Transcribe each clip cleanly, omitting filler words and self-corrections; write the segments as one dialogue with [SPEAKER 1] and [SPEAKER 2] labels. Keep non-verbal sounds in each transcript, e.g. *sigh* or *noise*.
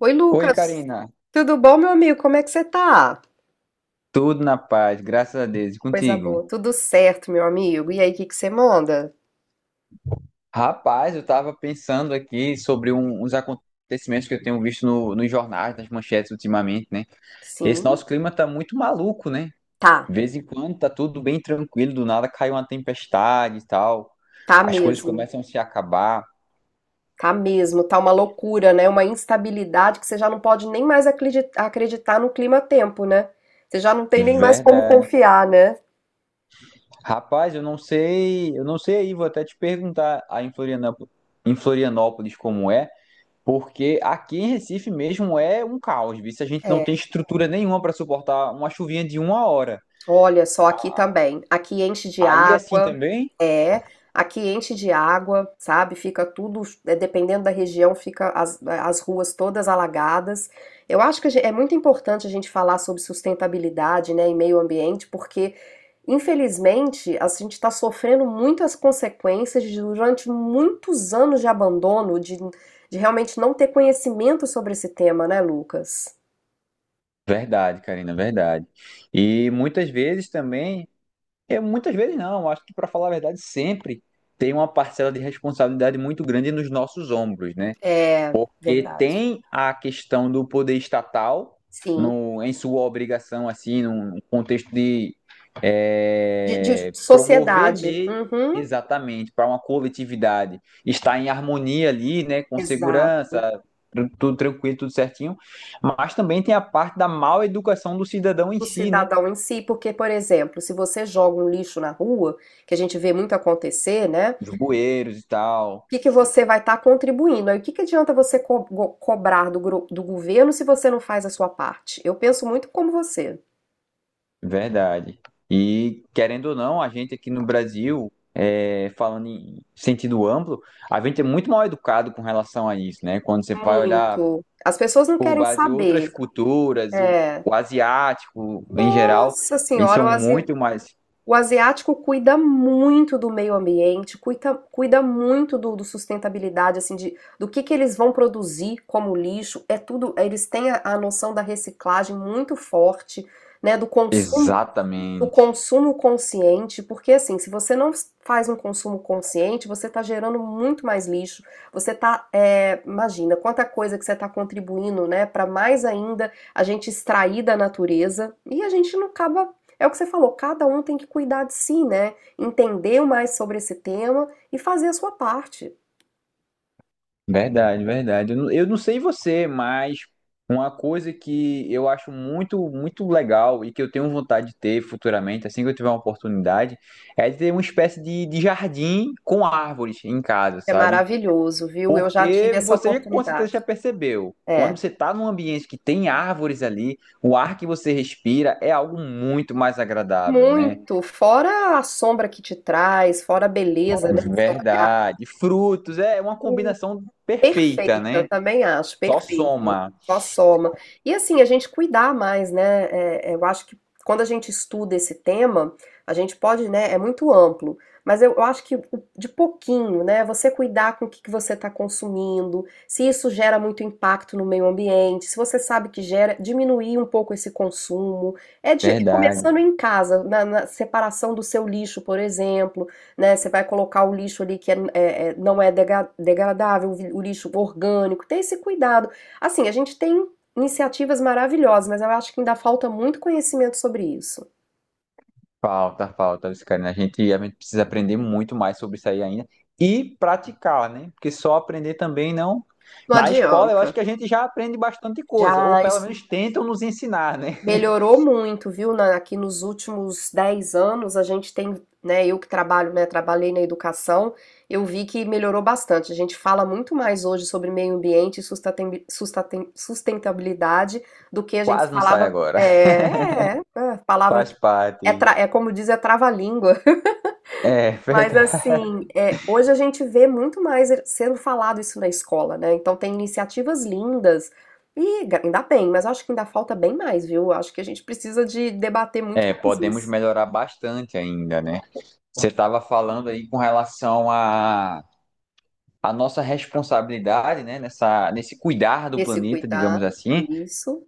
[SPEAKER 1] Oi,
[SPEAKER 2] Oi,
[SPEAKER 1] Lucas.
[SPEAKER 2] Karina.
[SPEAKER 1] Tudo bom, meu amigo? Como é que você tá?
[SPEAKER 2] Tudo na paz, graças a Deus. E
[SPEAKER 1] Coisa
[SPEAKER 2] contigo?
[SPEAKER 1] boa. Tudo certo, meu amigo. E aí, o que que você manda?
[SPEAKER 2] Rapaz, eu estava pensando aqui sobre uns acontecimentos que eu tenho visto no, nos jornais, nas manchetes ultimamente, né? Esse
[SPEAKER 1] Sim,
[SPEAKER 2] nosso clima tá muito maluco, né?
[SPEAKER 1] tá.
[SPEAKER 2] De vez em quando tá tudo bem tranquilo, do nada cai uma tempestade e tal.
[SPEAKER 1] Tá
[SPEAKER 2] As coisas
[SPEAKER 1] mesmo.
[SPEAKER 2] começam a se acabar.
[SPEAKER 1] Tá mesmo. Tá uma loucura, né? Uma instabilidade que você já não pode nem mais acreditar no clima-tempo, né? Você já não tem nem mais como
[SPEAKER 2] Verdade.
[SPEAKER 1] confiar, né?
[SPEAKER 2] Rapaz, eu não sei aí, vou até te perguntar aí em Florianópolis como é. Porque aqui em Recife mesmo é um caos, viu? Se a gente não tem estrutura nenhuma para suportar uma chuvinha de uma hora.
[SPEAKER 1] Olha só, aqui também. Aqui enche de
[SPEAKER 2] Aí é assim
[SPEAKER 1] água,
[SPEAKER 2] também.
[SPEAKER 1] é. Aqui enche de água, sabe? Fica tudo, é, dependendo da região, fica as ruas todas alagadas. Eu acho que é muito importante a gente falar sobre sustentabilidade, né, e meio ambiente, porque, infelizmente, a gente está sofrendo muitas consequências de, durante muitos anos de abandono, de realmente não ter conhecimento sobre esse tema, né, Lucas?
[SPEAKER 2] Verdade, Karina, verdade. E muitas vezes também, muitas vezes não, acho que para falar a verdade, sempre tem uma parcela de responsabilidade muito grande nos nossos ombros, né?
[SPEAKER 1] É
[SPEAKER 2] Porque
[SPEAKER 1] verdade.
[SPEAKER 2] tem a questão do poder estatal
[SPEAKER 1] Sim.
[SPEAKER 2] no, em sua obrigação, assim, num contexto de
[SPEAKER 1] De
[SPEAKER 2] promover
[SPEAKER 1] sociedade.
[SPEAKER 2] meio
[SPEAKER 1] Uhum.
[SPEAKER 2] exatamente para uma coletividade estar em harmonia ali, né, com
[SPEAKER 1] Exato.
[SPEAKER 2] segurança, tudo tranquilo, tudo certinho, mas também tem a parte da mal educação do cidadão em
[SPEAKER 1] O
[SPEAKER 2] si, né,
[SPEAKER 1] cidadão em si, porque, por exemplo, se você joga um lixo na rua, que a gente vê muito acontecer, né? O
[SPEAKER 2] dos bueiros e tal.
[SPEAKER 1] que que você vai estar contribuindo? Aí o que que adianta você cobrar do, do governo se você não faz a sua parte? Eu penso muito como você.
[SPEAKER 2] Verdade. E querendo ou não, a gente aqui no Brasil, é, falando em sentido amplo, a gente é muito mal educado com relação a isso, né? Quando você vai olhar
[SPEAKER 1] Muito. As pessoas não
[SPEAKER 2] por
[SPEAKER 1] querem
[SPEAKER 2] base em outras
[SPEAKER 1] saber.
[SPEAKER 2] culturas,
[SPEAKER 1] É.
[SPEAKER 2] o asiático em geral,
[SPEAKER 1] Nossa
[SPEAKER 2] eles
[SPEAKER 1] senhora, o
[SPEAKER 2] são muito mais.
[SPEAKER 1] O asiático cuida muito do meio ambiente, cuida, cuida muito do, do sustentabilidade, assim, de, do que eles vão produzir como lixo. É tudo, eles têm a noção da reciclagem muito forte, né, do
[SPEAKER 2] Exatamente.
[SPEAKER 1] consumo consciente, porque assim, se você não faz um consumo consciente, você está gerando muito mais lixo. Você está, é, imagina, quanta coisa que você está contribuindo, né, para mais ainda a gente extrair da natureza e a gente não acaba. É o que você falou, cada um tem que cuidar de si, né? Entender mais sobre esse tema e fazer a sua parte.
[SPEAKER 2] Verdade, verdade. Eu não sei você, mas uma coisa que eu acho muito legal e que eu tenho vontade de ter futuramente, assim que eu tiver uma oportunidade, é de ter uma espécie de jardim com árvores em casa,
[SPEAKER 1] É
[SPEAKER 2] sabe?
[SPEAKER 1] maravilhoso, viu? Eu já tive
[SPEAKER 2] Porque
[SPEAKER 1] essa
[SPEAKER 2] você já, com certeza já
[SPEAKER 1] oportunidade.
[SPEAKER 2] percebeu, quando
[SPEAKER 1] É,
[SPEAKER 2] você está num ambiente que tem árvores ali, o ar que você respira é algo muito mais agradável, né?
[SPEAKER 1] muito. Fora a sombra que te traz, fora a beleza, né? Seu
[SPEAKER 2] Verdade. Frutos, é uma combinação
[SPEAKER 1] Perfeita
[SPEAKER 2] perfeita,
[SPEAKER 1] eu
[SPEAKER 2] né?
[SPEAKER 1] também acho,
[SPEAKER 2] Só
[SPEAKER 1] perfeito.
[SPEAKER 2] soma.
[SPEAKER 1] Só soma. E assim, a gente cuidar mais, né? Eu acho que quando a gente estuda esse tema, a gente pode, né? É muito amplo, mas eu acho que de pouquinho, né? Você cuidar com o que, que você está consumindo, se isso gera muito impacto no meio ambiente, se você sabe que gera, diminuir um pouco esse consumo. É de,
[SPEAKER 2] Verdade.
[SPEAKER 1] começando em casa, na, na separação do seu lixo, por exemplo, né? Você vai colocar o lixo ali que é- é- é- não é degradável, o lixo orgânico, tem esse cuidado. Assim, a gente tem iniciativas maravilhosas, mas eu acho que ainda falta muito conhecimento sobre isso.
[SPEAKER 2] Falta, falta, isso, Karina. A gente precisa aprender muito mais sobre isso aí ainda e praticar, né? Porque só aprender também não.
[SPEAKER 1] Não
[SPEAKER 2] Na escola, eu acho
[SPEAKER 1] adianta.
[SPEAKER 2] que a gente já aprende bastante coisa, ou
[SPEAKER 1] Já
[SPEAKER 2] pelo
[SPEAKER 1] isso
[SPEAKER 2] menos tentam nos ensinar, né?
[SPEAKER 1] melhorou muito, viu? Aqui nos últimos 10 anos, a gente tem, né? Eu que trabalho, né? Trabalhei na educação, eu vi que melhorou bastante. A gente fala muito mais hoje sobre meio ambiente e sustentabilidade do que a
[SPEAKER 2] *laughs*
[SPEAKER 1] gente
[SPEAKER 2] Quase não sai
[SPEAKER 1] falava.
[SPEAKER 2] agora. *laughs*
[SPEAKER 1] Palavra.
[SPEAKER 2] Faz
[SPEAKER 1] É,
[SPEAKER 2] parte.
[SPEAKER 1] é como diz, é trava-língua.
[SPEAKER 2] É,
[SPEAKER 1] Mas
[SPEAKER 2] verdade.
[SPEAKER 1] assim, é, hoje a gente vê muito mais sendo falado isso na escola, né? Então tem iniciativas lindas e ainda bem, mas acho que ainda falta bem mais, viu? Acho que a gente precisa de debater muito
[SPEAKER 2] É,
[SPEAKER 1] mais
[SPEAKER 2] podemos
[SPEAKER 1] isso.
[SPEAKER 2] melhorar bastante ainda, né? Você estava falando aí com relação à nossa responsabilidade, né? Nesse cuidar do
[SPEAKER 1] Esse
[SPEAKER 2] planeta, digamos
[SPEAKER 1] cuidar,
[SPEAKER 2] assim.
[SPEAKER 1] isso,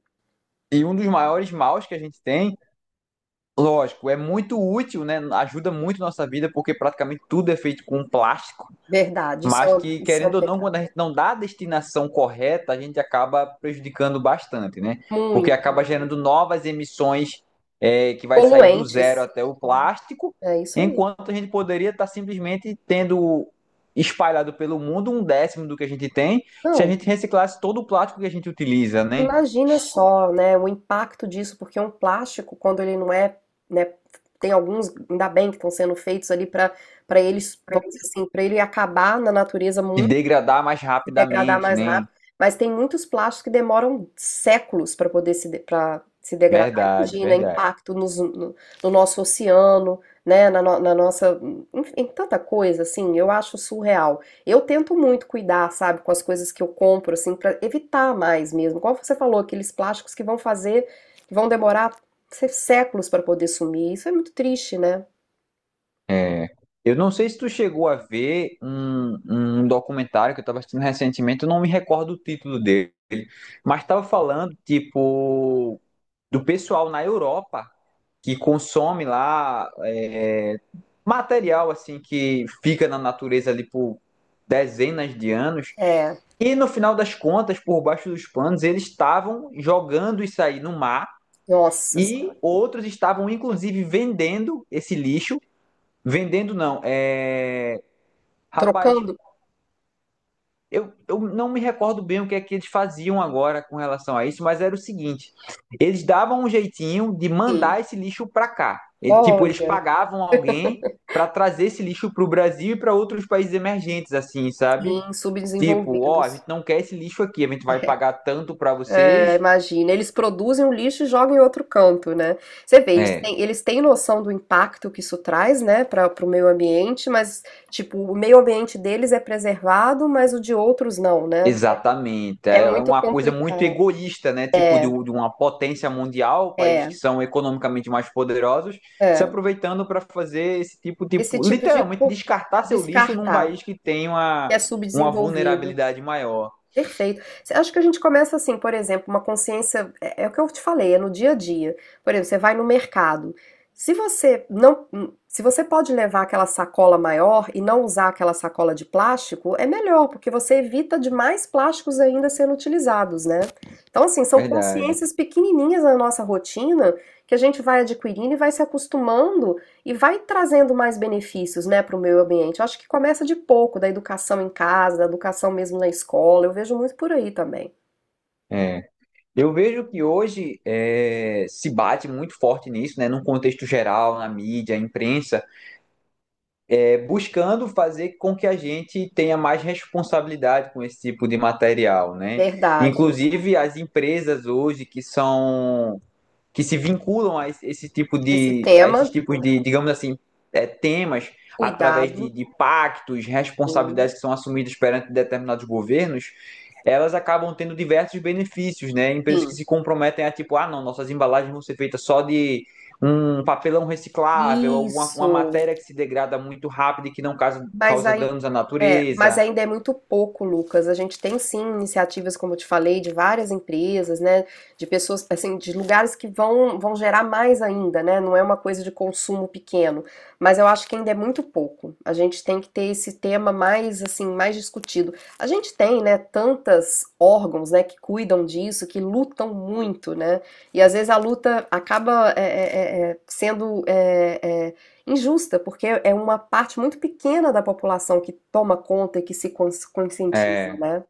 [SPEAKER 2] E um dos maiores maus que a gente tem. Lógico, é muito útil, né? Ajuda muito nossa vida, porque praticamente tudo é feito com plástico.
[SPEAKER 1] verdade,
[SPEAKER 2] Mas que,
[SPEAKER 1] isso é um
[SPEAKER 2] querendo ou não,
[SPEAKER 1] pecado.
[SPEAKER 2] quando a gente não dá a destinação correta, a gente acaba prejudicando bastante, né? Porque acaba
[SPEAKER 1] Muito.
[SPEAKER 2] gerando novas emissões, é, que vai sair do zero
[SPEAKER 1] Poluentes,
[SPEAKER 2] até o plástico,
[SPEAKER 1] é isso aí.
[SPEAKER 2] enquanto a gente poderia estar simplesmente tendo espalhado pelo mundo um décimo do que a gente tem, se a
[SPEAKER 1] Não.
[SPEAKER 2] gente reciclasse todo o plástico que a gente utiliza, né?
[SPEAKER 1] Imagina só, né, o impacto disso, porque um plástico, quando ele não é, né, tem alguns, ainda bem que estão sendo feitos ali para eles, vamos dizer assim, para ele acabar na natureza
[SPEAKER 2] Se
[SPEAKER 1] muito
[SPEAKER 2] degradar mais
[SPEAKER 1] se degradar
[SPEAKER 2] rapidamente,
[SPEAKER 1] mais
[SPEAKER 2] né?
[SPEAKER 1] rápido. Mas tem muitos plásticos que demoram séculos para poder se, para se degradar.
[SPEAKER 2] Verdade,
[SPEAKER 1] Imagina,
[SPEAKER 2] verdade.
[SPEAKER 1] impacto no, no nosso oceano, né? Na, na nossa. Enfim, em tanta coisa, assim, eu acho surreal. Eu tento muito cuidar, sabe, com as coisas que eu compro, assim, para evitar mais mesmo. Como você falou, aqueles plásticos que vão fazer, que vão demorar séculos para poder sumir. Isso é muito triste, né?
[SPEAKER 2] É. Eu não sei se tu chegou a ver um documentário que eu estava assistindo recentemente, eu não me recordo o título dele, mas estava falando, tipo, do pessoal na Europa que consome lá é, material, assim, que fica na natureza ali por dezenas de anos,
[SPEAKER 1] É,
[SPEAKER 2] e no final das contas, por baixo dos panos, eles estavam jogando isso aí no mar
[SPEAKER 1] nossa, assim,
[SPEAKER 2] e outros estavam inclusive vendendo esse lixo. Vendendo não. É... Rapaz,
[SPEAKER 1] trocando.
[SPEAKER 2] eu não me recordo bem o que é que eles faziam agora com relação a isso, mas era o seguinte: eles davam um jeitinho de
[SPEAKER 1] Sim.
[SPEAKER 2] mandar esse lixo para cá. E, tipo, eles
[SPEAKER 1] Olha,
[SPEAKER 2] pagavam alguém para trazer esse lixo para o Brasil e para outros países emergentes, assim, sabe?
[SPEAKER 1] sim,
[SPEAKER 2] Tipo, ó, a gente
[SPEAKER 1] subdesenvolvidos.
[SPEAKER 2] não quer esse lixo aqui, a gente vai pagar tanto para vocês.
[SPEAKER 1] É, imagina, eles produzem o lixo e jogam em outro canto, né? Você vê,
[SPEAKER 2] É.
[SPEAKER 1] eles têm noção do impacto que isso traz, né, para o meio ambiente, mas, tipo, o meio ambiente deles é preservado, mas o de outros não, né?
[SPEAKER 2] Exatamente.
[SPEAKER 1] É
[SPEAKER 2] É
[SPEAKER 1] muito
[SPEAKER 2] uma coisa muito
[SPEAKER 1] complicado.
[SPEAKER 2] egoísta, né? Tipo, de uma potência mundial, países
[SPEAKER 1] É,
[SPEAKER 2] que são economicamente mais poderosos, se
[SPEAKER 1] é.
[SPEAKER 2] aproveitando para fazer esse tipo,
[SPEAKER 1] Esse
[SPEAKER 2] tipo,
[SPEAKER 1] tipo
[SPEAKER 2] literalmente descartar seu lixo num
[SPEAKER 1] descartar,
[SPEAKER 2] país que tem
[SPEAKER 1] que é
[SPEAKER 2] uma
[SPEAKER 1] subdesenvolvido.
[SPEAKER 2] vulnerabilidade maior.
[SPEAKER 1] Perfeito. Você acha que a gente começa assim, por exemplo, uma consciência, é o que eu te falei, é no dia a dia. Por exemplo, você vai no mercado. Se você não, se você pode levar aquela sacola maior e não usar aquela sacola de plástico, é melhor, porque você evita de mais plásticos ainda sendo utilizados, né? Então, assim, são
[SPEAKER 2] Verdade.
[SPEAKER 1] consciências pequenininhas na nossa rotina que a gente vai adquirindo e vai se acostumando e vai trazendo mais benefícios, né, para o meio ambiente. Eu acho que começa de pouco, da educação em casa, da educação mesmo na escola. Eu vejo muito por aí também.
[SPEAKER 2] É. Eu vejo que hoje é, se bate muito forte nisso, né? Num contexto geral, na mídia, imprensa é, buscando fazer com que a gente tenha mais responsabilidade com esse tipo de material, né?
[SPEAKER 1] Verdade.
[SPEAKER 2] Inclusive as empresas hoje que se vinculam a esse tipo
[SPEAKER 1] Esse
[SPEAKER 2] de, a esses
[SPEAKER 1] tema,
[SPEAKER 2] tipos de, digamos assim, é, temas através
[SPEAKER 1] cuidado,
[SPEAKER 2] de pactos,
[SPEAKER 1] sim,
[SPEAKER 2] responsabilidades que são assumidas perante determinados governos, elas acabam tendo diversos benefícios, né? Empresas que
[SPEAKER 1] sim.
[SPEAKER 2] se comprometem a tipo, ah, não, nossas embalagens vão ser feitas só de um papelão reciclável, alguma uma
[SPEAKER 1] Isso.
[SPEAKER 2] matéria que se degrada muito rápido e que não
[SPEAKER 1] Mas
[SPEAKER 2] causa
[SPEAKER 1] aí
[SPEAKER 2] danos à
[SPEAKER 1] é, mas
[SPEAKER 2] natureza.
[SPEAKER 1] ainda é muito pouco, Lucas. A gente tem sim iniciativas, como eu te falei, de várias empresas, né? De pessoas, assim, de lugares que vão, vão gerar mais ainda, né? Não é uma coisa de consumo pequeno. Mas eu acho que ainda é muito pouco. A gente tem que ter esse tema mais, assim, mais discutido. A gente tem, né, tantas órgãos, né, que cuidam disso, que lutam muito, né? E às vezes a luta acaba injusta, porque é uma parte muito pequena da população que toma conta e que se conscientiza,
[SPEAKER 2] É,
[SPEAKER 1] né?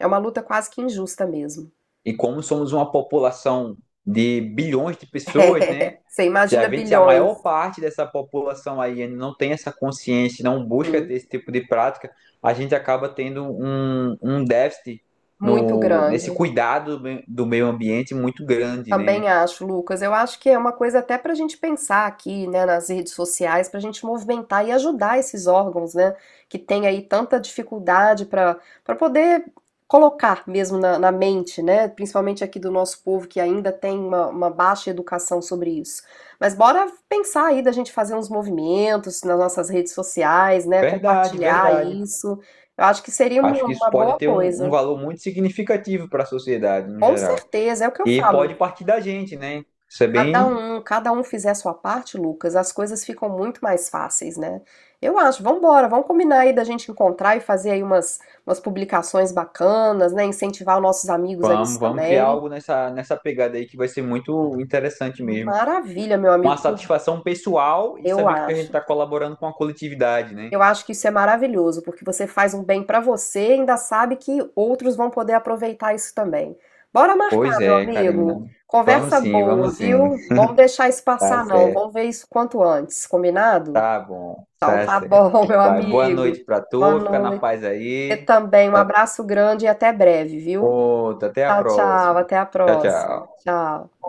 [SPEAKER 1] É uma luta quase que injusta mesmo.
[SPEAKER 2] e como somos uma população de bilhões de pessoas, né?
[SPEAKER 1] *laughs* Você imagina
[SPEAKER 2] Se a
[SPEAKER 1] bilhões,
[SPEAKER 2] maior parte dessa população aí não tem essa consciência, não busca ter
[SPEAKER 1] sim,
[SPEAKER 2] esse tipo de prática, a gente acaba tendo um déficit
[SPEAKER 1] muito
[SPEAKER 2] no, nesse
[SPEAKER 1] grande.
[SPEAKER 2] cuidado do meio ambiente muito grande, né?
[SPEAKER 1] Também acho, Lucas. Eu acho que é uma coisa até para a gente pensar aqui, né, nas redes sociais, para a gente movimentar e ajudar esses órgãos, né, que tem aí tanta dificuldade para poder colocar mesmo na, na mente, né, principalmente aqui do nosso povo que ainda tem uma baixa educação sobre isso. Mas bora pensar aí da gente fazer uns movimentos nas nossas redes sociais, né,
[SPEAKER 2] Verdade,
[SPEAKER 1] compartilhar
[SPEAKER 2] verdade.
[SPEAKER 1] isso. Eu acho que seria
[SPEAKER 2] Acho que
[SPEAKER 1] uma
[SPEAKER 2] isso pode
[SPEAKER 1] boa
[SPEAKER 2] ter um
[SPEAKER 1] coisa.
[SPEAKER 2] valor muito significativo para a sociedade no
[SPEAKER 1] Com
[SPEAKER 2] geral.
[SPEAKER 1] certeza, é o que eu
[SPEAKER 2] E pode
[SPEAKER 1] falo.
[SPEAKER 2] partir da gente, né? Isso é bem.
[SPEAKER 1] Cada um fizer a sua parte, Lucas, as coisas ficam muito mais fáceis, né. Eu acho, vamos embora, vamos combinar aí da gente encontrar e fazer aí umas umas publicações bacanas, né, incentivar os nossos amigos a isso
[SPEAKER 2] Vamos, vamos criar algo
[SPEAKER 1] também.
[SPEAKER 2] nessa pegada aí que vai ser muito interessante mesmo.
[SPEAKER 1] Maravilha, meu
[SPEAKER 2] Uma
[SPEAKER 1] amigo, por
[SPEAKER 2] satisfação pessoal e
[SPEAKER 1] eu
[SPEAKER 2] saber que a gente
[SPEAKER 1] acho.
[SPEAKER 2] está colaborando com a coletividade, né?
[SPEAKER 1] Eu acho que isso é maravilhoso, porque você faz um bem pra você e ainda sabe que outros vão poder aproveitar isso também. Bora
[SPEAKER 2] Pois
[SPEAKER 1] marcar, meu
[SPEAKER 2] é, Karina.
[SPEAKER 1] amigo.
[SPEAKER 2] Vamos
[SPEAKER 1] Conversa
[SPEAKER 2] sim,
[SPEAKER 1] boa,
[SPEAKER 2] vamos sim.
[SPEAKER 1] viu? Vamos deixar isso
[SPEAKER 2] Tá
[SPEAKER 1] passar não,
[SPEAKER 2] certo,
[SPEAKER 1] vamos ver isso quanto antes, combinado?
[SPEAKER 2] tá bom,
[SPEAKER 1] Então
[SPEAKER 2] tá
[SPEAKER 1] tá
[SPEAKER 2] certo.
[SPEAKER 1] bom, meu
[SPEAKER 2] Vai, boa
[SPEAKER 1] amigo.
[SPEAKER 2] noite pra
[SPEAKER 1] Boa
[SPEAKER 2] tu, fica na
[SPEAKER 1] noite.
[SPEAKER 2] paz
[SPEAKER 1] Você
[SPEAKER 2] aí.
[SPEAKER 1] também. Um
[SPEAKER 2] Até
[SPEAKER 1] abraço grande e até breve, viu?
[SPEAKER 2] outra, até a
[SPEAKER 1] Tchau, tchau.
[SPEAKER 2] próxima.
[SPEAKER 1] Até a
[SPEAKER 2] Tchau,
[SPEAKER 1] próxima.
[SPEAKER 2] tchau.
[SPEAKER 1] Tchau.